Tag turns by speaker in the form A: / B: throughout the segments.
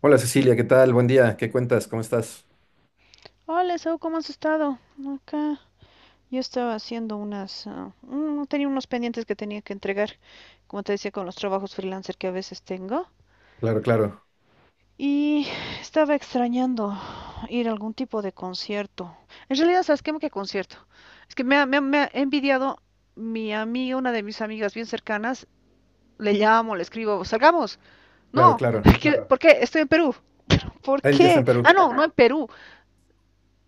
A: Hola Cecilia, ¿qué tal? Buen día, ¿qué cuentas? ¿Cómo estás?
B: Hola, Sau, ¿cómo has estado? Acá yo estaba haciendo tenía unos pendientes que tenía que entregar, como te decía, con los trabajos freelancer que a veces tengo.
A: Claro, claro,
B: Y estaba extrañando ir a algún tipo de concierto. En realidad, ¿sabes qué? ¿Qué concierto? Es que me ha envidiado mi amiga, una de mis amigas bien cercanas. Le llamo, le escribo, salgamos.
A: claro,
B: No,
A: claro.
B: Claro. ¿Por qué? Estoy en Perú. ¿Por
A: Ari ya está en
B: qué? Ah,
A: Perú.
B: no, no en Perú.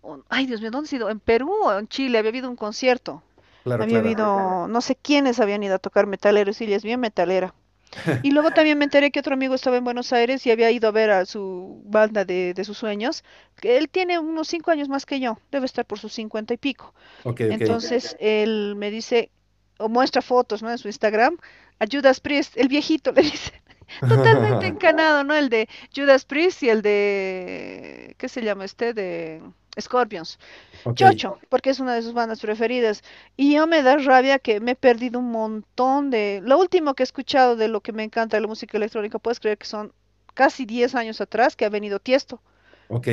B: Ay, Dios mío, ¿dónde he ido? En Perú o en Chile había habido un concierto.
A: Claro,
B: Había
A: claro.
B: habido, no sé quiénes habían ido a tocar metaleros y ella es bien metalera. Y luego también me enteré que otro amigo estaba en Buenos Aires y había ido a ver a su banda de sus sueños. Que él tiene unos 5 años más que yo, debe estar por sus 50 y pico.
A: Ok, ok.
B: Entonces él me dice, o muestra fotos, ¿no? En su Instagram, a Judas Priest, el viejito, le dice. Totalmente encanado, ¿no? El de Judas Priest y el de, ¿qué se llama este? De Scorpions.
A: Ok,
B: Chocho, porque es una de sus bandas preferidas. Y yo me da rabia que me he perdido un montón de. Lo último que he escuchado de lo que me encanta de la música electrónica, puedes creer que son casi 10 años atrás que ha venido Tiesto.
A: ok.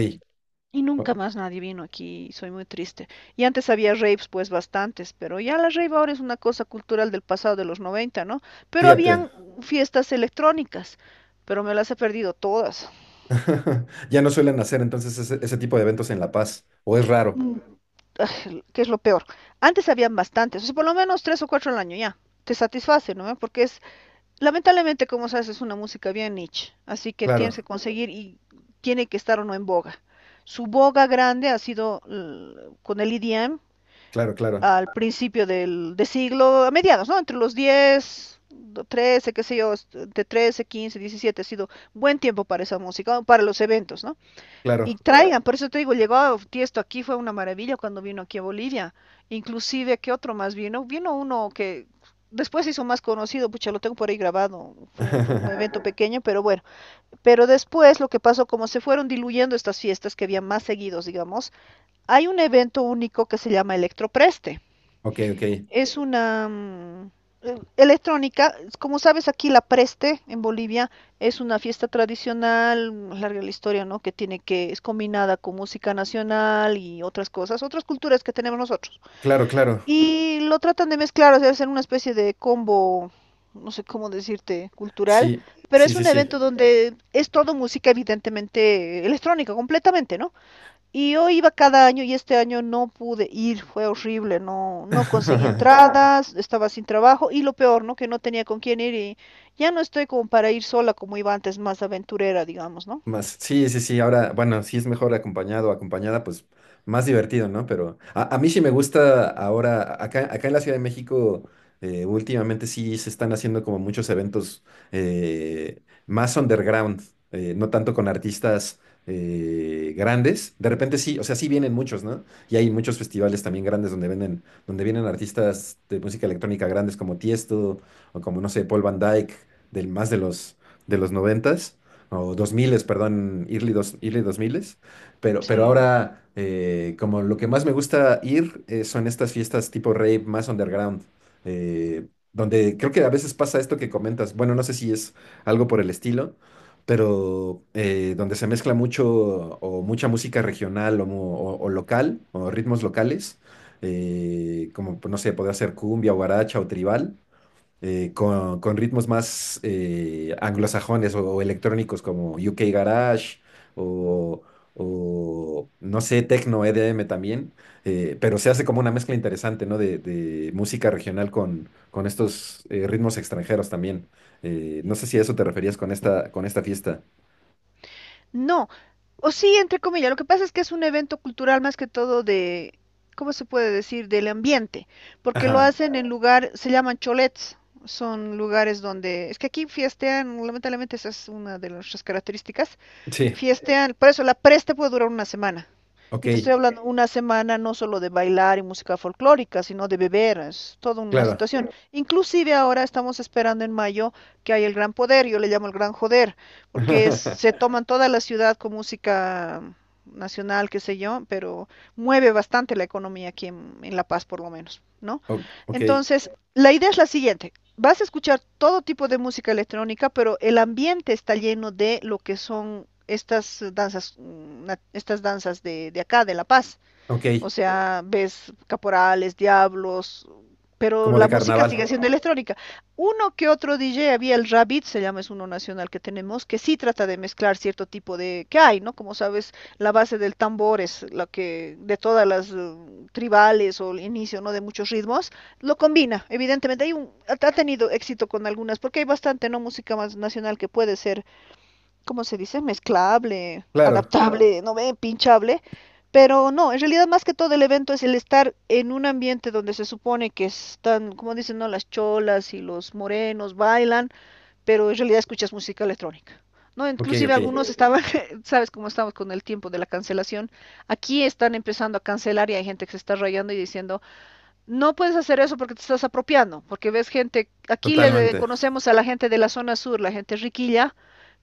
B: Y nunca
A: O-
B: más nadie vino aquí, soy muy triste. Y antes había raves, pues bastantes, pero ya la rave ahora es una cosa cultural del pasado de los 90, ¿no? Pero
A: Fíjate.
B: habían fiestas electrónicas, pero me las he perdido todas,
A: Ya no suelen hacer entonces ese tipo de eventos en La Paz, o es raro.
B: que es lo peor. Antes habían bastantes, o sea, por lo menos tres o cuatro al año ya, te satisface, ¿no? Porque es Lamentablemente, como sabes, es una música bien niche, así que tienes que
A: Claro,
B: conseguir y tiene que estar o no en boga. Su boga grande ha sido con el EDM
A: claro, claro,
B: al principio del de siglo, a mediados, ¿no? Entre los 10, 13, qué sé yo, de 13, 15, 17, ha sido buen tiempo para esa música, o para los eventos, ¿no? Y
A: claro.
B: traigan, por eso te digo, llegó a Tiesto aquí, fue una maravilla cuando vino aquí a Bolivia. Inclusive, ¿qué otro más vino? Vino uno que después se hizo más conocido, pucha, lo tengo por ahí grabado, fue un evento pequeño, pero bueno. Pero después lo que pasó, como se fueron diluyendo estas fiestas que había más seguidos, digamos, hay un evento único que se llama Electropreste.
A: Ok, ok.
B: Es una electrónica, como sabes aquí la Preste en Bolivia es una fiesta tradicional, larga la historia, ¿no? Que tiene que es combinada con música nacional y otras cosas, otras culturas que tenemos nosotros.
A: Claro, claro.
B: Y lo tratan de mezclar, o sea, hacer una especie de combo, no sé cómo decirte, cultural,
A: Sí,
B: pero
A: sí,
B: es
A: sí,
B: un
A: sí.
B: evento donde es todo música evidentemente electrónica completamente, ¿no? Y yo iba cada año y este año no pude ir, fue horrible, no, no conseguí entradas, estaba sin trabajo y lo peor, ¿no? Que no tenía con quién ir y ya no estoy como para ir sola como iba antes, más aventurera, digamos, ¿no?
A: Más, sí, sí, sí, ahora, bueno, si es mejor acompañado o acompañada, pues más divertido, ¿no? Pero a mí sí me gusta ahora, acá en la Ciudad de México. Últimamente sí se están haciendo como muchos eventos, más underground, no tanto con artistas grandes. De repente sí, o sea, sí vienen muchos, ¿no? Y hay muchos festivales también grandes donde venden, donde vienen artistas de música electrónica grandes como Tiesto o, como no sé, Paul Van Dyke, del más de los noventas o 2000, perdón, early 2000. Pero
B: Sí.
A: ahora, como lo que más me gusta ir, son estas fiestas tipo rave más underground, eh, donde creo que a veces pasa esto que comentas. Bueno, no sé si es algo por el estilo, pero, donde se mezcla mucho o mucha música regional o, o local o ritmos locales, como, pues no sé, podría ser cumbia, guaracha o tribal, con ritmos más, anglosajones o electrónicos, como UK Garage o, no sé, Tecno EDM también. Pero se hace como una mezcla interesante, ¿no? De música regional con estos, ritmos extranjeros también. No sé si a eso te referías con esta fiesta.
B: No, o sí, entre comillas, lo que pasa es que es un evento cultural más que todo de, ¿cómo se puede decir? Del ambiente, porque lo
A: Ajá,
B: hacen en lugar, se llaman cholets, son lugares donde, es que aquí fiestean, lamentablemente esa es una de nuestras características.
A: sí,
B: Fiestean, por eso la preste puede durar una semana.
A: ok,
B: Y te estoy hablando una semana no solo de bailar y música folclórica, sino de beber, es toda una
A: claro.
B: situación. Inclusive ahora estamos esperando en mayo que hay el gran poder, yo le llamo el gran joder, porque se toman toda la ciudad con música nacional, qué sé yo, pero mueve bastante la economía aquí en La Paz por lo menos, ¿no?
A: Ok,
B: Entonces, la idea es la siguiente, vas a escuchar todo tipo de música electrónica, pero el ambiente está lleno de lo que son estas danzas, estas danzas de acá, de La Paz.
A: ok,
B: O sea, ves caporales, diablos, pero
A: como de
B: la música sigue
A: carnaval.
B: siendo electrónica. Uno que otro DJ, había el Rabbit, se llama, es uno nacional que tenemos, que sí trata de mezclar cierto tipo de, que hay, ¿no? Como sabes, la base del tambor es la que, de todas las tribales o el inicio, ¿no? De muchos ritmos, lo combina, evidentemente, hay un, ha ha tenido éxito con algunas, porque hay bastante, ¿no? Música más nacional que puede ser ¿cómo se dice? Mezclable,
A: Claro,
B: adaptable, no ve, pinchable. Pero no, en realidad más que todo el evento es el estar en un ambiente donde se supone que están, como dicen, no, las cholas y los morenos bailan, pero en realidad escuchas música electrónica. No,
A: ok,
B: inclusive
A: ok,
B: algunos estaban, sabes cómo estamos con el tiempo de la cancelación. Aquí están empezando a cancelar y hay gente que se está rayando y diciendo, no puedes hacer eso porque te estás apropiando, porque ves gente, aquí le
A: totalmente.
B: conocemos a la gente de la zona sur, la gente riquilla,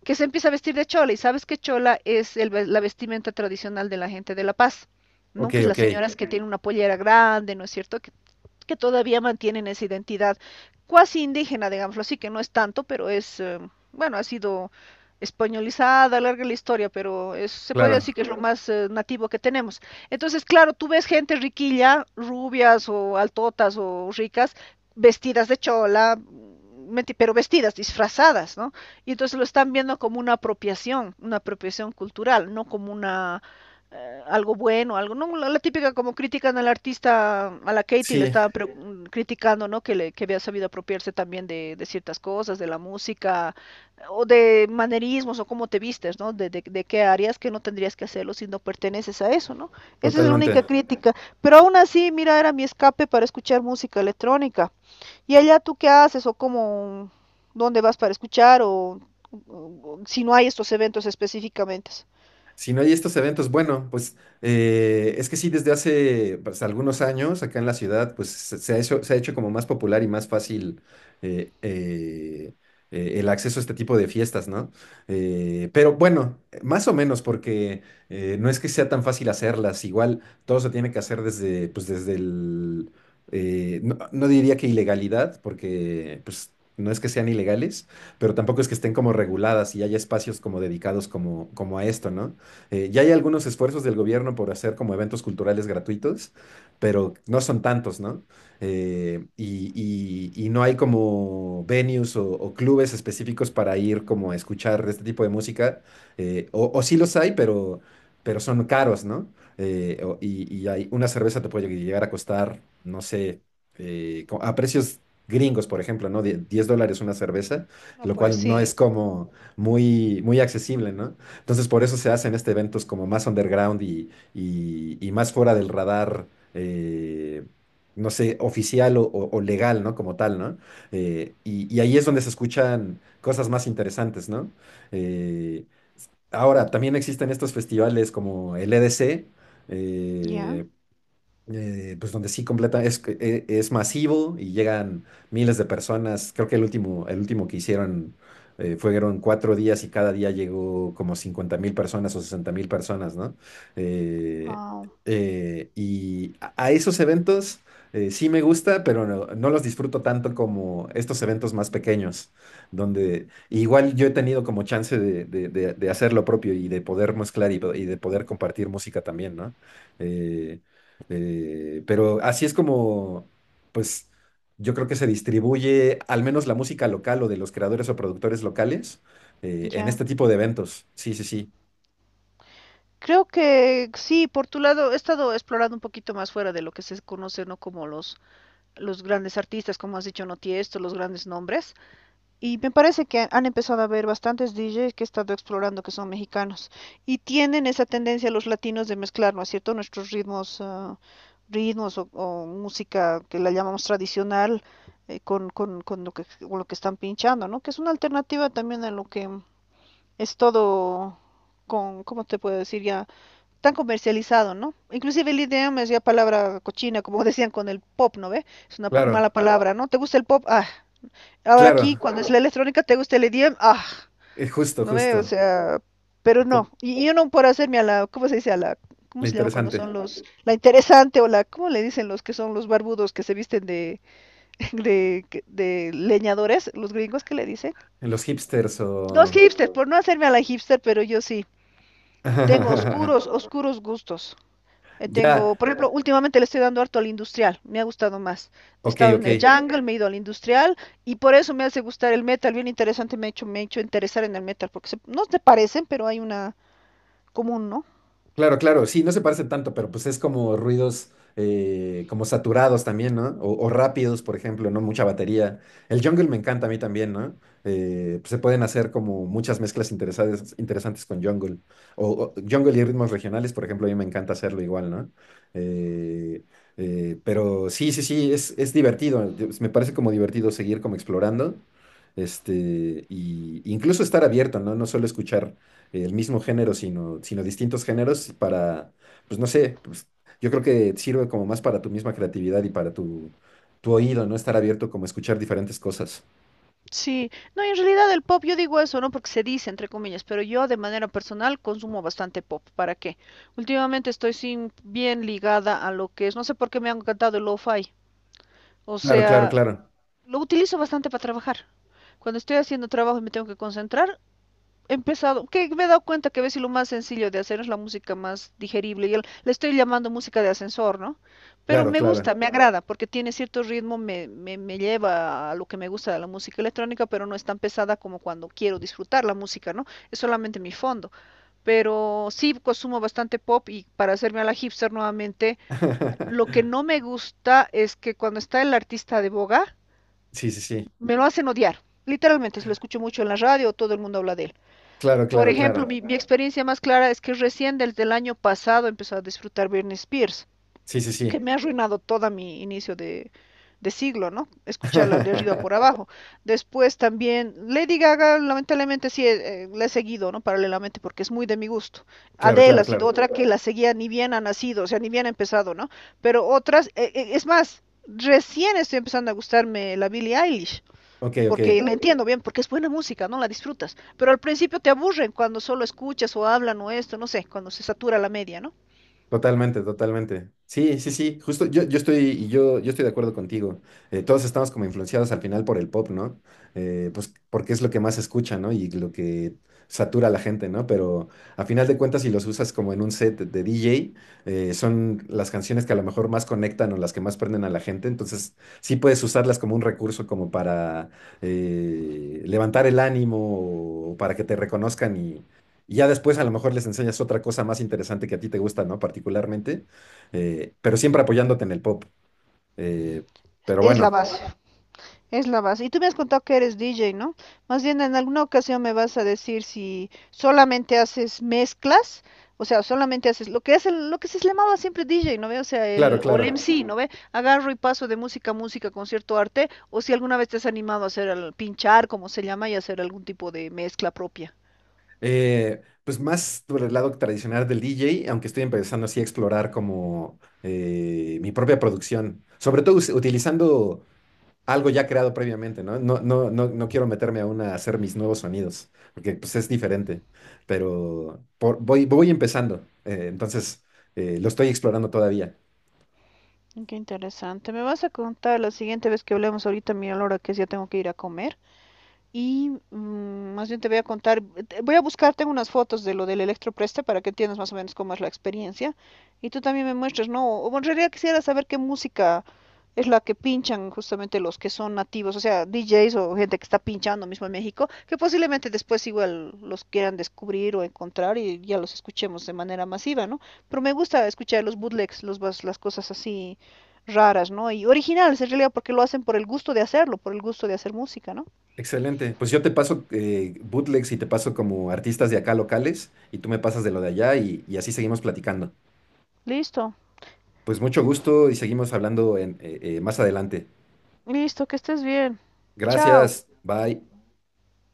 B: que se empieza a vestir de chola. Y sabes que chola es el la vestimenta tradicional de la gente de La Paz, ¿no?
A: Ok,
B: Que es las
A: ok,
B: señoras que tienen una pollera grande, ¿no es cierto? Que todavía mantienen esa identidad cuasi indígena, digámoslo así, que no es tanto, pero es, bueno, ha sido españolizada, larga la historia, pero es, se podría decir
A: claro.
B: que es lo más nativo que tenemos. Entonces, claro, tú ves gente riquilla, rubias o altotas o ricas, vestidas de chola, pero vestidas, disfrazadas, ¿no? Y entonces lo están viendo como una apropiación cultural, no como una algo bueno, algo, no, la típica como critican al artista, a la Katy le
A: Sí,
B: estaban criticando, ¿no? Que había sabido apropiarse también de ciertas cosas, de la música, o de manerismos, o cómo te vistes, ¿no? De qué áreas que no tendrías que hacerlo si no perteneces a eso, ¿no? Esa es la
A: totalmente.
B: única crítica. Pero aún así, mira, era mi escape para escuchar música electrónica. ¿Y allá tú qué haces? ¿O cómo, dónde vas para escuchar? ¿O si no hay estos eventos específicamente?
A: Si no hay estos eventos, bueno, pues, es que sí, desde hace, pues, algunos años acá en la ciudad, pues se ha hecho como más popular y más fácil, eh, eh, el acceso a este tipo de fiestas, ¿no? Pero bueno, más o menos, porque, no es que sea tan fácil hacerlas, igual todo se tiene que hacer desde, pues desde el, no diría que ilegalidad, porque, pues, no es que sean ilegales, pero tampoco es que estén como reguladas y haya espacios como dedicados, como a esto, ¿no? Ya hay algunos esfuerzos del gobierno por hacer como eventos culturales gratuitos, pero no son tantos, ¿no? Y no hay como venues o clubes específicos para ir como a escuchar este tipo de música, o sí los hay, pero son caros, ¿no? Y hay, una cerveza te puede llegar a costar, no sé, a precios gringos, por ejemplo, ¿no? $10 una cerveza,
B: No,
A: lo
B: pues
A: cual no
B: sí.
A: es como muy, muy accesible, ¿no? Entonces, por eso se hacen este eventos como más underground y más fuera del radar, no sé, oficial o legal, ¿no? Como tal, ¿no? Y ahí es donde se escuchan cosas más interesantes, ¿no? Eh, ahora, también existen estos festivales como el EDC.
B: ¿Ya?
A: eh, pues donde sí completa, es, que, es masivo y llegan miles de personas. Creo que el último que hicieron, fueron 4 días y cada día llegó como 50.000 personas o 60.000 personas, ¿no? Eh,
B: Wow,
A: y a esos eventos, sí me gusta, pero no los disfruto tanto como estos eventos más pequeños, donde igual yo he tenido como chance de hacer lo propio y de poder mezclar y de poder compartir música también, ¿no? Eh, pero así es como, pues, yo creo que se distribuye al menos la música local o de los creadores o productores locales, en
B: ya.
A: este tipo de eventos. Sí, sí, sí.
B: Creo que sí, por tu lado, he estado explorando un poquito más fuera de lo que se conoce, ¿no? Como los grandes artistas, como has dicho, no Tiesto, los grandes nombres. Y me parece que han empezado a haber bastantes DJs que he estado explorando que son mexicanos. Y tienen esa tendencia los latinos de mezclar, ¿no es cierto? Nuestros ritmos, ritmos o música que la llamamos tradicional con lo que están pinchando, ¿no? Que es una alternativa también a lo que es todo con, ¿cómo te puedo decir? Ya tan comercializado, ¿no? Inclusive el idioma es ya palabra cochina, como decían con el pop, ¿no ve? Es una mala
A: Claro,
B: palabra, ¿no? ¿Te gusta el pop? Ah. Ahora aquí,
A: claro.
B: cuando es la electrónica, ¿te gusta el idioma? Ah.
A: Justo,
B: ¿No ve? O
A: justo.
B: sea, pero no.
A: Com-
B: Y yo no por hacerme a la, ¿cómo se dice? A la, ¿cómo
A: lo
B: se llama cuando son
A: interesante.
B: la interesante o la, ¿cómo le dicen los que son los barbudos que se visten de, de leñadores? Los gringos, ¿qué le dicen?
A: En los hipsters
B: Los
A: o...
B: hipsters, por no hacerme a la hipster, pero yo sí. Tengo oscuros, oscuros gustos. Eh,
A: Ya,
B: tengo, por ejemplo, últimamente le estoy dando harto al industrial, me ha gustado más. He
A: ok,
B: estado en
A: ok.
B: el jungle, me he ido al industrial y por eso me hace gustar el metal, bien interesante, me ha hecho interesar en el metal, porque no se parecen, pero hay una común, ¿no?
A: Claro, claro, sí, no se parecen tanto, pero pues es como ruidos, como saturados también, ¿no? O rápidos, por ejemplo, ¿no? Mucha batería. El jungle me encanta a mí también, ¿no? Pues se pueden hacer como muchas mezclas interesantes con jungle. O jungle y ritmos regionales, por ejemplo, a mí me encanta hacerlo igual, ¿no? Eh, pero sí, sí, sí, es divertido. Me parece como divertido seguir como explorando. Este, y incluso estar abierto, ¿no? No solo escuchar el mismo género, sino distintos géneros para, pues no sé, pues, yo creo que sirve como más para tu misma creatividad y para tu oído, ¿no? Estar abierto como a escuchar diferentes cosas.
B: Sí, no, y en realidad el pop, yo digo eso, ¿no? Porque se dice, entre comillas, pero yo de manera personal consumo bastante pop. ¿Para qué? Últimamente estoy sin, bien ligada a lo que es, no sé por qué me ha encantado el lo-fi. O
A: Claro, claro,
B: sea,
A: claro,
B: lo utilizo bastante para trabajar. Cuando estoy haciendo trabajo y me tengo que concentrar, he empezado, que me he dado cuenta que a veces lo más sencillo de hacer es la música más digerible. Y le estoy llamando música de ascensor, ¿no? Pero
A: claro,
B: me gusta,
A: claro.
B: me agrada, porque tiene cierto ritmo, me lleva a lo que me gusta de la música electrónica, pero no es tan pesada como cuando quiero disfrutar la música, ¿no? Es solamente mi fondo. Pero sí consumo bastante pop y para hacerme a la hipster nuevamente, lo que no me gusta es que cuando está el artista de boga,
A: Sí, sí, sí.
B: me lo hacen odiar. Literalmente, si lo escucho mucho en la radio, todo el mundo habla de él.
A: Claro,
B: Por
A: claro,
B: ejemplo,
A: claro.
B: mi experiencia más clara es que recién desde el año pasado empezó a disfrutar Britney Spears,
A: Sí, sí,
B: que
A: sí.
B: me ha arruinado todo mi inicio de siglo, ¿no? Escucharla de arriba por abajo. Después también Lady Gaga, lamentablemente sí, la he seguido, ¿no? Paralelamente, porque es muy de mi gusto.
A: Claro,
B: Adele
A: claro,
B: ha sido
A: claro.
B: otra que la seguía ni bien ha nacido, o sea, ni bien ha empezado, ¿no? Pero otras, es más, recién estoy empezando a gustarme la Billie Eilish
A: Ok, ok.
B: porque me entiendo bien, porque es buena música, ¿no? La disfrutas, pero al principio te aburren cuando solo escuchas o hablan o esto, no sé, cuando se satura la media, ¿no?
A: Totalmente, totalmente. Sí, sí, sí, justo yo estoy de acuerdo contigo. Todos estamos como influenciados al final por el pop, ¿no? Pues porque es lo que más se escucha, ¿no? Y lo que satura a la gente, ¿no? Pero a final de cuentas, si los usas como en un set de DJ, son las canciones que a lo mejor más conectan o las que más prenden a la gente. Entonces, sí puedes usarlas como un recurso como para, levantar el ánimo o para que te reconozcan, y ya después a lo mejor les enseñas otra cosa más interesante que a ti te gusta, ¿no? Particularmente, pero siempre apoyándote en el pop. Eh, pero
B: Es la
A: bueno,
B: base, es la base. Y tú me has contado que eres DJ, ¿no? Más bien en alguna ocasión me vas a decir si solamente haces mezclas, o sea, solamente haces lo que es lo que se llamaba siempre DJ, ¿no ve? O sea,
A: claro,
B: el o el
A: claro.
B: MC, ¿no ve? Agarro y paso de música a música, concierto a arte, o si alguna vez te has animado a hacer el pinchar, como se llama, y hacer algún tipo de mezcla propia.
A: Pues más por el lado tradicional del DJ, aunque estoy empezando así a explorar como, mi propia producción, sobre todo utilizando algo ya creado previamente, ¿no? No, no, no, no quiero meterme aún a hacer mis nuevos sonidos, porque pues es diferente, pero voy empezando, entonces, lo estoy explorando todavía.
B: Qué interesante. Me vas a contar la siguiente vez que hablemos ahorita, mira la hora que es, ya tengo que ir a comer. Y, más bien te voy a contar, voy a buscar, tengo unas fotos de lo del electropreste para que entiendas más o menos cómo es la experiencia. Y tú también me muestres, ¿no? O en realidad quisiera saber qué música es la que pinchan justamente los que son nativos, o sea, DJs o gente que está pinchando mismo en México, que posiblemente después igual los quieran descubrir o encontrar y ya los escuchemos de manera masiva, ¿no? Pero me gusta escuchar los bootlegs, las cosas así raras, ¿no? Y originales en realidad porque lo hacen por el gusto de hacerlo, por el gusto de hacer música, ¿no?
A: Excelente. Pues yo te paso, bootlegs y te paso como artistas de acá locales y tú me pasas de lo de allá, y así seguimos platicando.
B: Listo.
A: Pues mucho gusto y seguimos hablando, más adelante.
B: Listo, que estés bien. Chao.
A: Gracias. Bye.